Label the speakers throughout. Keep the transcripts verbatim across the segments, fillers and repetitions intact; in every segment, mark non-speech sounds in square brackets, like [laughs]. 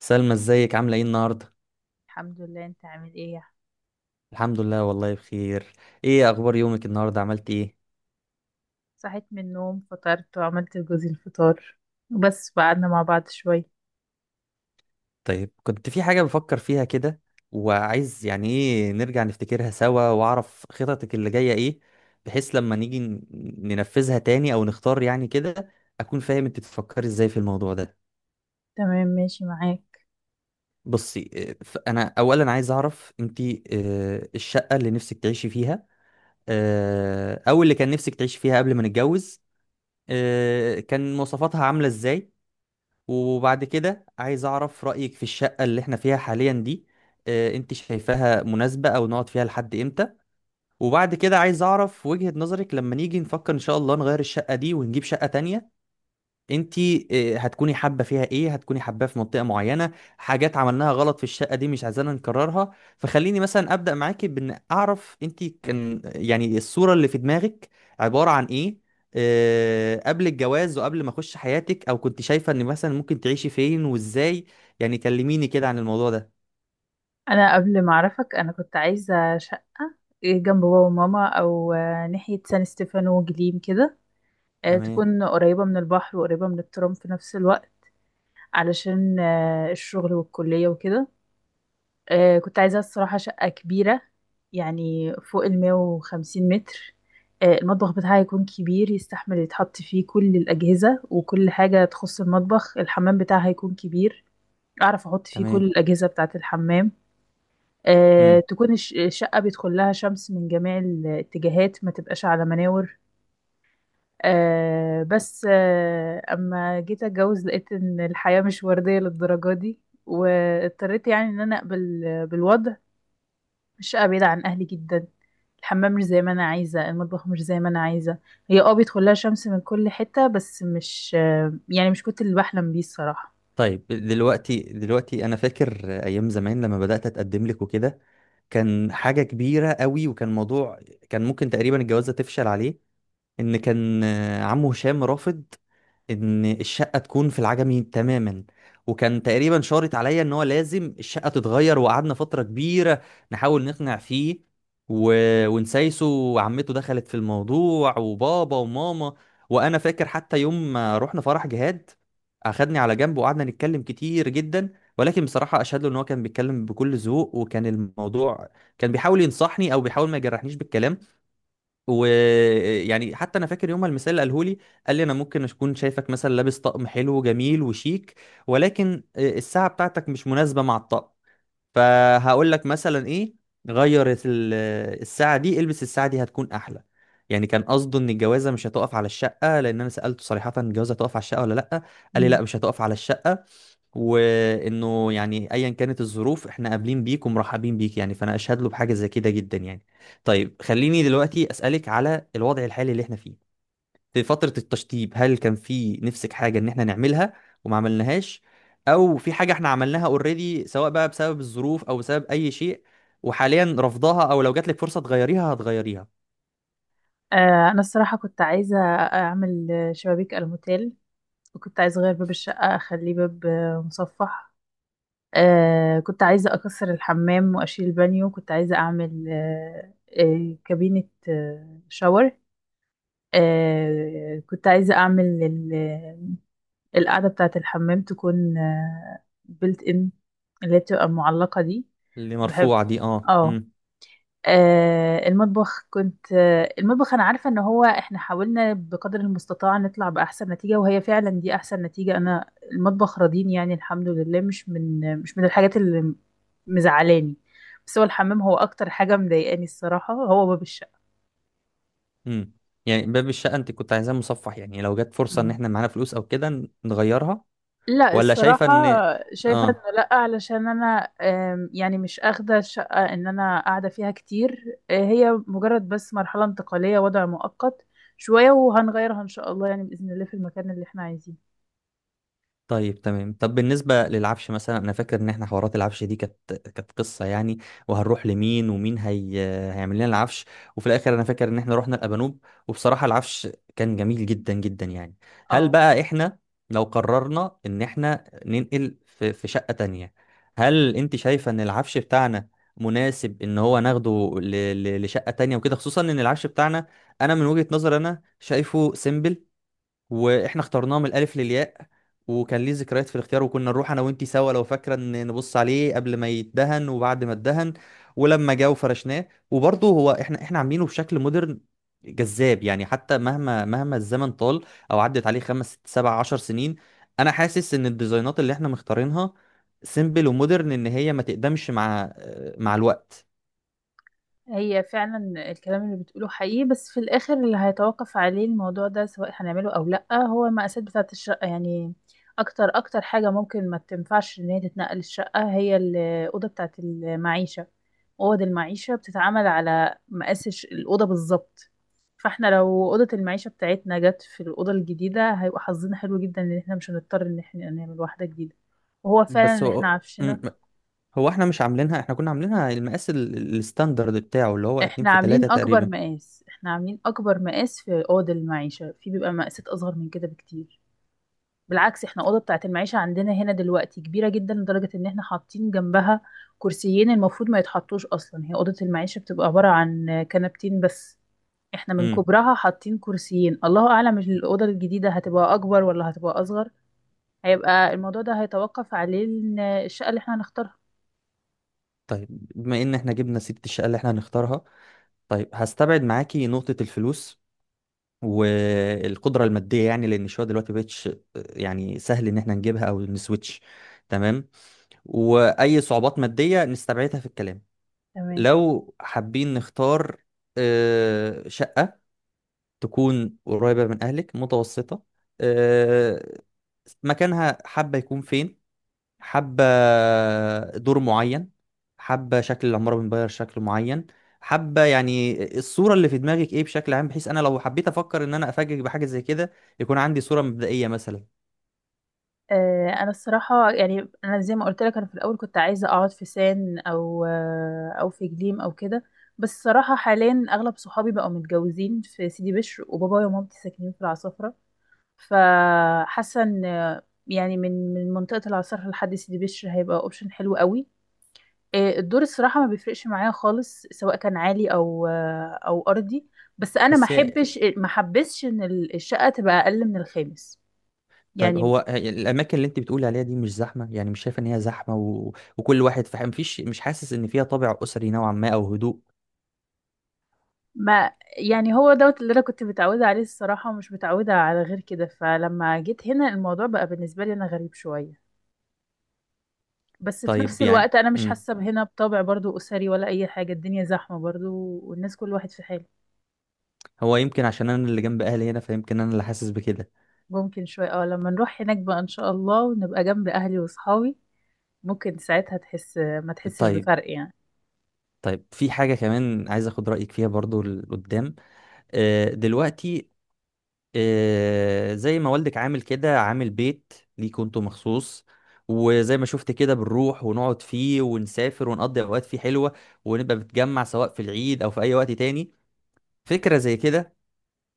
Speaker 1: سلمى، ازيك عاملة ايه النهاردة؟
Speaker 2: الحمد لله، انت عامل ايه؟
Speaker 1: الحمد لله والله بخير. ايه اخبار يومك النهاردة؟ عملت ايه؟
Speaker 2: صحيت من النوم، فطرت وعملت لجوزي الفطار، وبس قعدنا مع بعض شوية.
Speaker 1: طيب، كنت في حاجة بفكر فيها كده، وعايز يعني ايه نرجع نفتكرها سوا واعرف خططك اللي جاية ايه، بحيث لما نيجي ن- ننفذها تاني او نختار، يعني كده اكون فاهم انت بتفكري ازاي في الموضوع ده.
Speaker 2: تمام، ماشي معاك.
Speaker 1: بصي، اه، ف- انا اولا عايز اعرف انت، اه، الشقة اللي نفسك تعيشي فيها، اه، او اللي كان نفسك تعيشي فيها قبل ما نتجوز، اه، كان مواصفاتها عاملة ازاي. وبعد كده عايز أعرف رأيك في الشقة اللي احنا فيها حاليا دي. آه، انت شايفاها مناسبة؟ أو نقعد فيها لحد امتى؟ وبعد كده عايز أعرف وجهة نظرك لما نيجي نفكر إن شاء الله نغير الشقة دي ونجيب شقة تانية. انت آه، هتكوني حابه فيها ايه؟ هتكوني حباه في منطقه معينه؟ حاجات عملناها غلط في الشقه دي مش عايزانا نكررها؟ فخليني مثلا ابدا معاكي بان اعرف انت كان يعني الصوره اللي في دماغك عباره عن ايه، آه، قبل الجواز وقبل ما اخش حياتك، او كنت شايفه ان مثلا ممكن تعيشي فين وازاي؟ يعني كلميني كده عن الموضوع ده.
Speaker 2: انا قبل ما اعرفك، انا كنت عايزة شقة إيه، جنب بابا وماما او آه، ناحية سان ستيفانو وجليم كده. آه،
Speaker 1: تمام،
Speaker 2: تكون قريبة من البحر وقريبة من الترام في نفس الوقت، علشان آه، الشغل والكلية وكده. آه كنت عايزة الصراحة شقة كبيرة، يعني فوق المية وخمسين متر. آه المطبخ بتاعها يكون كبير، يستحمل يتحط فيه كل الأجهزة وكل حاجة تخص المطبخ. الحمام بتاعها يكون كبير، أعرف أحط فيه كل
Speaker 1: تمام.
Speaker 2: الأجهزة بتاعة الحمام. آه
Speaker 1: امم.
Speaker 2: تكون الش- الشقة بيدخل لها شمس من جميع الاتجاهات، ما تبقاش على مناور. آه بس آه أما جيت أتجوز لقيت إن الحياة مش وردية للدرجة دي، واضطريت يعني إن أنا أقبل بالوضع. الشقة بعيدة عن أهلي جدا، الحمام مش زي ما أنا عايزة، المطبخ مش زي ما أنا عايزة. هي اه بيدخل لها شمس من كل حتة، بس مش، يعني مش كنت اللي بحلم بيه الصراحة.
Speaker 1: طيب، دلوقتي دلوقتي انا فاكر ايام زمان لما بدات اتقدم لك وكده، كان حاجة كبيرة قوي، وكان موضوع كان ممكن تقريبا الجوازة تفشل عليه، ان كان آه، عمه هشام رافض ان الشقه تكون في العجمي تماما، وكان تقريبا شارط عليا ان هو لازم الشقه تتغير. وقعدنا فتره كبيره نحاول نقنع فيه و... ونسايسه، وعمته دخلت في الموضوع، وبابا وماما. وانا فاكر حتى يوم ما رحنا فرح جهاد، اخدني على جنب وقعدنا نتكلم كتير جدا، ولكن بصراحه اشهد له ان هو كان بيتكلم بكل ذوق، وكان الموضوع كان بيحاول ينصحني، او بيحاول ما يجرحنيش بالكلام. ويعني حتى انا فاكر يوم ما المثال اللي قاله لي، قال لي انا ممكن اكون شايفك مثلا لابس طقم حلو وجميل وشيك، ولكن آه، الساعه بتاعتك مش مناسبه مع الطقم، فهقول لك مثلا ايه، غير ال- الساعة دي، البس الساعة دي هتكون احلى. يعني كان قصده ان الجوازة مش هتقف على الشقة، لان انا سألته صريحة، الجوازة هتقف على الشقة ولا لا؟ قال لي لا،
Speaker 2: مم.
Speaker 1: مش هتقف على الشقة، وانه يعني ايا كانت الظروف احنا قابلين بيك ومرحبين بيك. يعني فانا اشهد له بحاجة زي كده جدا يعني. طيب، خليني دلوقتي اسألك على الوضع الحالي اللي احنا فيه. في فترة التشطيب هل كان في نفسك حاجة ان احنا نعملها وما عملناهاش؟ او في حاجة احنا عملناها اوريدي، سواء بقى بسبب الظروف او بسبب اي شيء، وحاليا رافضاها، او لو جاتلك فرصة تغيريها هتغيريها؟
Speaker 2: آه، أنا الصراحة كنت عايزة أعمل شبابيك الموتيل، وكنت عايزة أغير باب الشقة أخليه باب آه، مصفح. آه، كنت عايزة أكسر الحمام وأشيل البانيو. كنت عايزة أعمل آه، آه، كابينة آه، شاور. آه، كنت عايزة أعمل القاعدة بتاعة الحمام تكون بيلت ان، اللي هي بتبقى معلقة دي.
Speaker 1: اللي
Speaker 2: بحب.
Speaker 1: مرفوعة دي، اه،
Speaker 2: اه.
Speaker 1: امم.
Speaker 2: آه، المطبخ كنت آه، المطبخ انا عارفة ان هو احنا حاولنا بقدر المستطاع نطلع بأحسن نتيجة، وهي فعلا دي احسن نتيجة. انا المطبخ راضيني يعني الحمد لله، مش من مش من الحاجات اللي مزعلاني. بس هو الحمام هو اكتر حاجة مضايقاني الصراحة، هو باب الشقة.
Speaker 1: امم. يعني باب الشقة انت كنت عايزاه مصفح؟ يعني لو جات فرصة ان احنا معانا فلوس او كده نغيرها؟
Speaker 2: لا
Speaker 1: ولا شايفة
Speaker 2: الصراحة،
Speaker 1: ان،
Speaker 2: شايفة
Speaker 1: اه،
Speaker 2: انه لا، علشان انا آم، يعني مش اخدة الشقة ان انا قاعدة فيها كتير. آه، هي مجرد بس مرحلة انتقالية، وضع مؤقت، شوية وهنغيرها ان شاء الله، يعني بإذن الله، في المكان اللي احنا عايزينه.
Speaker 1: طيب، تمام. طب بالنسبة للعفش مثلا، أنا فاكر إن إحنا حوارات العفش دي كانت كانت قصة يعني، وهنروح لمين، ومين هي... هيعمل لنا العفش. وفي الآخر أنا فاكر إن إحنا رحنا الأبانوب، وبصراحة العفش كان جميل جدا جدا يعني. هل
Speaker 2: اه.
Speaker 1: بقى إحنا، لو قررنا إن إحنا ننقل في, في شقة تانية، هل أنت شايفة إن العفش بتاعنا مناسب إن هو ناخده ل... ل... لشقة تانية وكده؟ خصوصا إن العفش بتاعنا، أنا من وجهة نظري أنا شايفه سيمبل، واحنا اخترناه من الالف للياء، وكان ليه ذكريات في الاختيار. وكنا نروح انا وانتي سوا، لو فاكره، ان نبص عليه قبل ما يتدهن وبعد ما اتدهن. ولما جه وفرشناه وبرضه هو احنا احنا عاملينه بشكل مودرن جذاب، يعني حتى مهما مهما الزمن طال او عدت عليه خمس ست سبع عشر سنين، انا حاسس ان الديزاينات اللي احنا مختارينها سيمبل ومودرن، ان هي ما تقدمش مع مع الوقت.
Speaker 2: هي فعلا الكلام اللي بتقوله حقيقي، بس في الآخر اللي هيتوقف عليه الموضوع ده سواء هنعمله أو لأ هو المقاسات بتاعة الشقة يعني. أكتر أكتر حاجة ممكن ما تنفعش إن هي تتنقل الشقة هي الأوضة بتاعة المعيشة. أوض المعيشة بتتعمل على مقاس الش- الأوضة بالظبط. فاحنا لو أوضة المعيشة بتاعتنا جت في الأوضة الجديدة، هيبقى حظنا حلو جدا إن احنا مش هنضطر إن احنا نعمل واحدة جديدة. وهو فعلا
Speaker 1: بس
Speaker 2: اللي احنا
Speaker 1: هو
Speaker 2: عفشنا.
Speaker 1: م- هو احنا مش عاملينها، احنا كنا عاملينها المقاس ال- الستاندرد بتاعه، اللي هو اتنين
Speaker 2: احنا
Speaker 1: في
Speaker 2: عاملين
Speaker 1: تلاتة
Speaker 2: اكبر
Speaker 1: تقريبا.
Speaker 2: مقاس، احنا عاملين اكبر مقاس في اوضه المعيشه، في بيبقى مقاسات اصغر من كده بكتير. بالعكس احنا اوضه بتاعه المعيشه عندنا هنا دلوقتي كبيره جدا، لدرجه ان احنا حاطين جنبها كرسيين المفروض ما يتحطوش اصلا. هي اوضه المعيشه بتبقى عباره عن كنبتين بس، احنا من
Speaker 1: امم.
Speaker 2: كبرها حاطين كرسيين. الله اعلم الاوضه الجديده هتبقى اكبر ولا هتبقى اصغر، هيبقى الموضوع ده هيتوقف عليه إن الشقه اللي احنا هنختارها.
Speaker 1: طيب، بما ان احنا جبنا سيره الشقه اللي احنا هنختارها، طيب هستبعد معاكي نقطه الفلوس والقدره الماديه، يعني لان الشقه دلوقتي مبقتش يعني سهل ان احنا نجيبها او نسويتش. تمام. واي صعوبات ماديه نستبعدها في الكلام.
Speaker 2: تمام.
Speaker 1: لو حابين نختار آه، شقه تكون قريبه من اهلك متوسطه، آه، مكانها حابه يكون فين؟ حابة دور معين؟ حابة شكل العمارة من بره شكل معين؟ حابة يعني الصورة اللي في دماغك ايه بشكل عام، بحيث انا لو حبيت افكر ان انا افاجئك بحاجة زي كده يكون عندي صورة مبدئية مثلا.
Speaker 2: آه، انا الصراحه يعني انا زي ما قلت لك، انا في الاول كنت عايزه اقعد في سان او آه، او في جليم او كده. بس الصراحه حاليا اغلب صحابي بقوا متجوزين في سيدي بشر، وبابايا ومامتي ساكنين في العصافره. فحاسه ان آه، يعني من من منطقه العصافره لحد سيدي بشر هيبقى اوبشن حلو قوي. آه، الدور الصراحه ما بيفرقش معايا خالص، سواء كان عالي او آه، او ارضي. بس انا ما
Speaker 1: بس هي
Speaker 2: احبش ما حبسش ان الشقه تبقى اقل من الخامس
Speaker 1: طيب
Speaker 2: يعني.
Speaker 1: هو هي الاماكن اللي انت بتقولي عليها دي مش زحمة؟ يعني مش شايفة ان هي زحمة؟ و... وكل واحد فاهم، مفيش، مش حاسس ان فيها طابع اسري نوعا ما او هدوء؟
Speaker 2: ما يعني هو دوت اللي انا كنت متعوده عليه الصراحه، ومش متعوده على غير كده، فلما جيت هنا الموضوع بقى بالنسبه لي انا غريب شويه. بس في
Speaker 1: طيب،
Speaker 2: نفس
Speaker 1: يعني،
Speaker 2: الوقت انا مش
Speaker 1: امم
Speaker 2: حاسه هنا بطابع برضو اسري ولا اي حاجه، الدنيا زحمه برضو والناس كل واحد في حاله.
Speaker 1: هو يمكن عشان انا اللي جنب اهلي هنا فيمكن انا اللي حاسس بكده.
Speaker 2: ممكن شويه، اه لما نروح هناك بقى ان شاء الله، ونبقى جنب اهلي واصحابي ممكن ساعتها تحس ما تحسش
Speaker 1: طيب،
Speaker 2: بفرق يعني.
Speaker 1: طيب، في حاجة كمان عايز اخد رأيك فيها برضو لقدام. آه، دلوقتي آه، زي ما والدك عامل كده عامل بيت ليكوا انتوا مخصوص، وزي ما شفت كده بنروح ونقعد فيه ونسافر ونقضي اوقات فيه حلوه، ونبقى بنتجمع سواء في العيد او في اي وقت تاني. فكره زي كده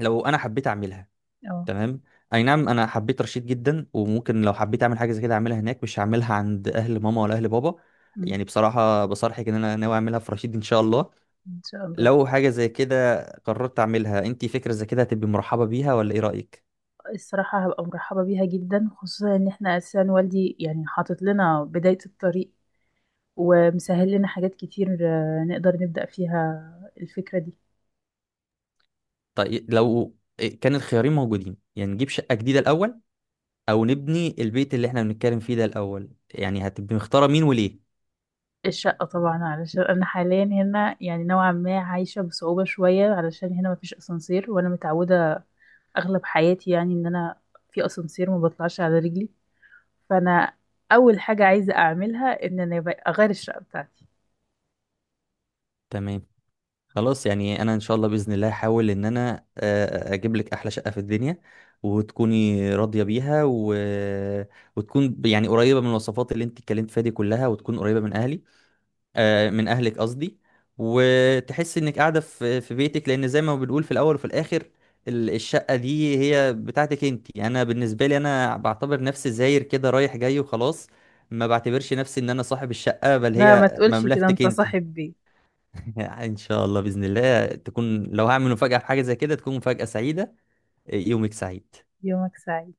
Speaker 1: لو انا حبيت اعملها.
Speaker 2: اه.
Speaker 1: تمام. اي نعم، انا حبيت رشيد جدا، وممكن لو حبيت اعمل حاجه زي كده اعملها هناك، مش هعملها عند اهل ماما ولا اهل بابا.
Speaker 2: أمم.
Speaker 1: يعني بصراحه بصرحك ان انا ناوي اعملها في رشيد ان شاء الله.
Speaker 2: ان شاء الله.
Speaker 1: لو حاجة زي كده قررت أعملها، أنت فكرة زي كده هتبقي مرحبة بيها ولا إيه رأيك؟
Speaker 2: الصراحه هبقى مرحبه بيها جدا، خصوصا ان احنا اساسا والدي يعني حاطط لنا بدايه الطريق، ومسهل لنا حاجات كتير، آه، نقدر نبدأ فيها الفكرة دي.
Speaker 1: طيب، لو إيه، كان الخيارين موجودين، يعني نجيب شقة جديدة الأول، أو نبني البيت اللي إحنا بنتكلم فيه ده الأول، يعني هتبقي مختارة مين وليه؟
Speaker 2: الشقة طبعا، علشان أنا حاليا هنا يعني نوعا ما عايشة بصعوبة شوية، علشان هنا مفيش أسانسير، وأنا متعودة أغلب حياتي يعني إن أنا في أسانسير ما بطلعش على رجلي. فأنا أول حاجة عايزة أعملها إن أنا أغير الشقة بتاعتي.
Speaker 1: تمام. خلاص، يعني أنا إن شاء الله بإذن الله هحاول إن أنا آه، آه، أجيب لك أحلى شقة في الدنيا وتكوني راضية بيها و... وتكون يعني قريبة من الوصفات اللي أنت اتكلمت فيها دي كلها، وتكون قريبة من أهلي، آه، من اهلك قصدي، وتحس انك قاعده في في بيتك، لان زي ما بنقول في الاول وفي الاخر، ال- الشقه دي هي بتاعتك انت. انا بالنسبه لي انا بعتبر نفسي زاير كده رايح جاي وخلاص، ما بعتبرش نفسي ان انا صاحب الشقه، بل
Speaker 2: لا ما
Speaker 1: هي
Speaker 2: تقولش كده،
Speaker 1: مملكتك
Speaker 2: أنت
Speaker 1: انت.
Speaker 2: صاحب بيت.
Speaker 1: [laughs] ان شاء الله باذن الله تكون، لو هعمل مفاجاه في حاجه زي كده، تكون مفاجاه سعيده. يومك سعيد.
Speaker 2: يومك سعيد.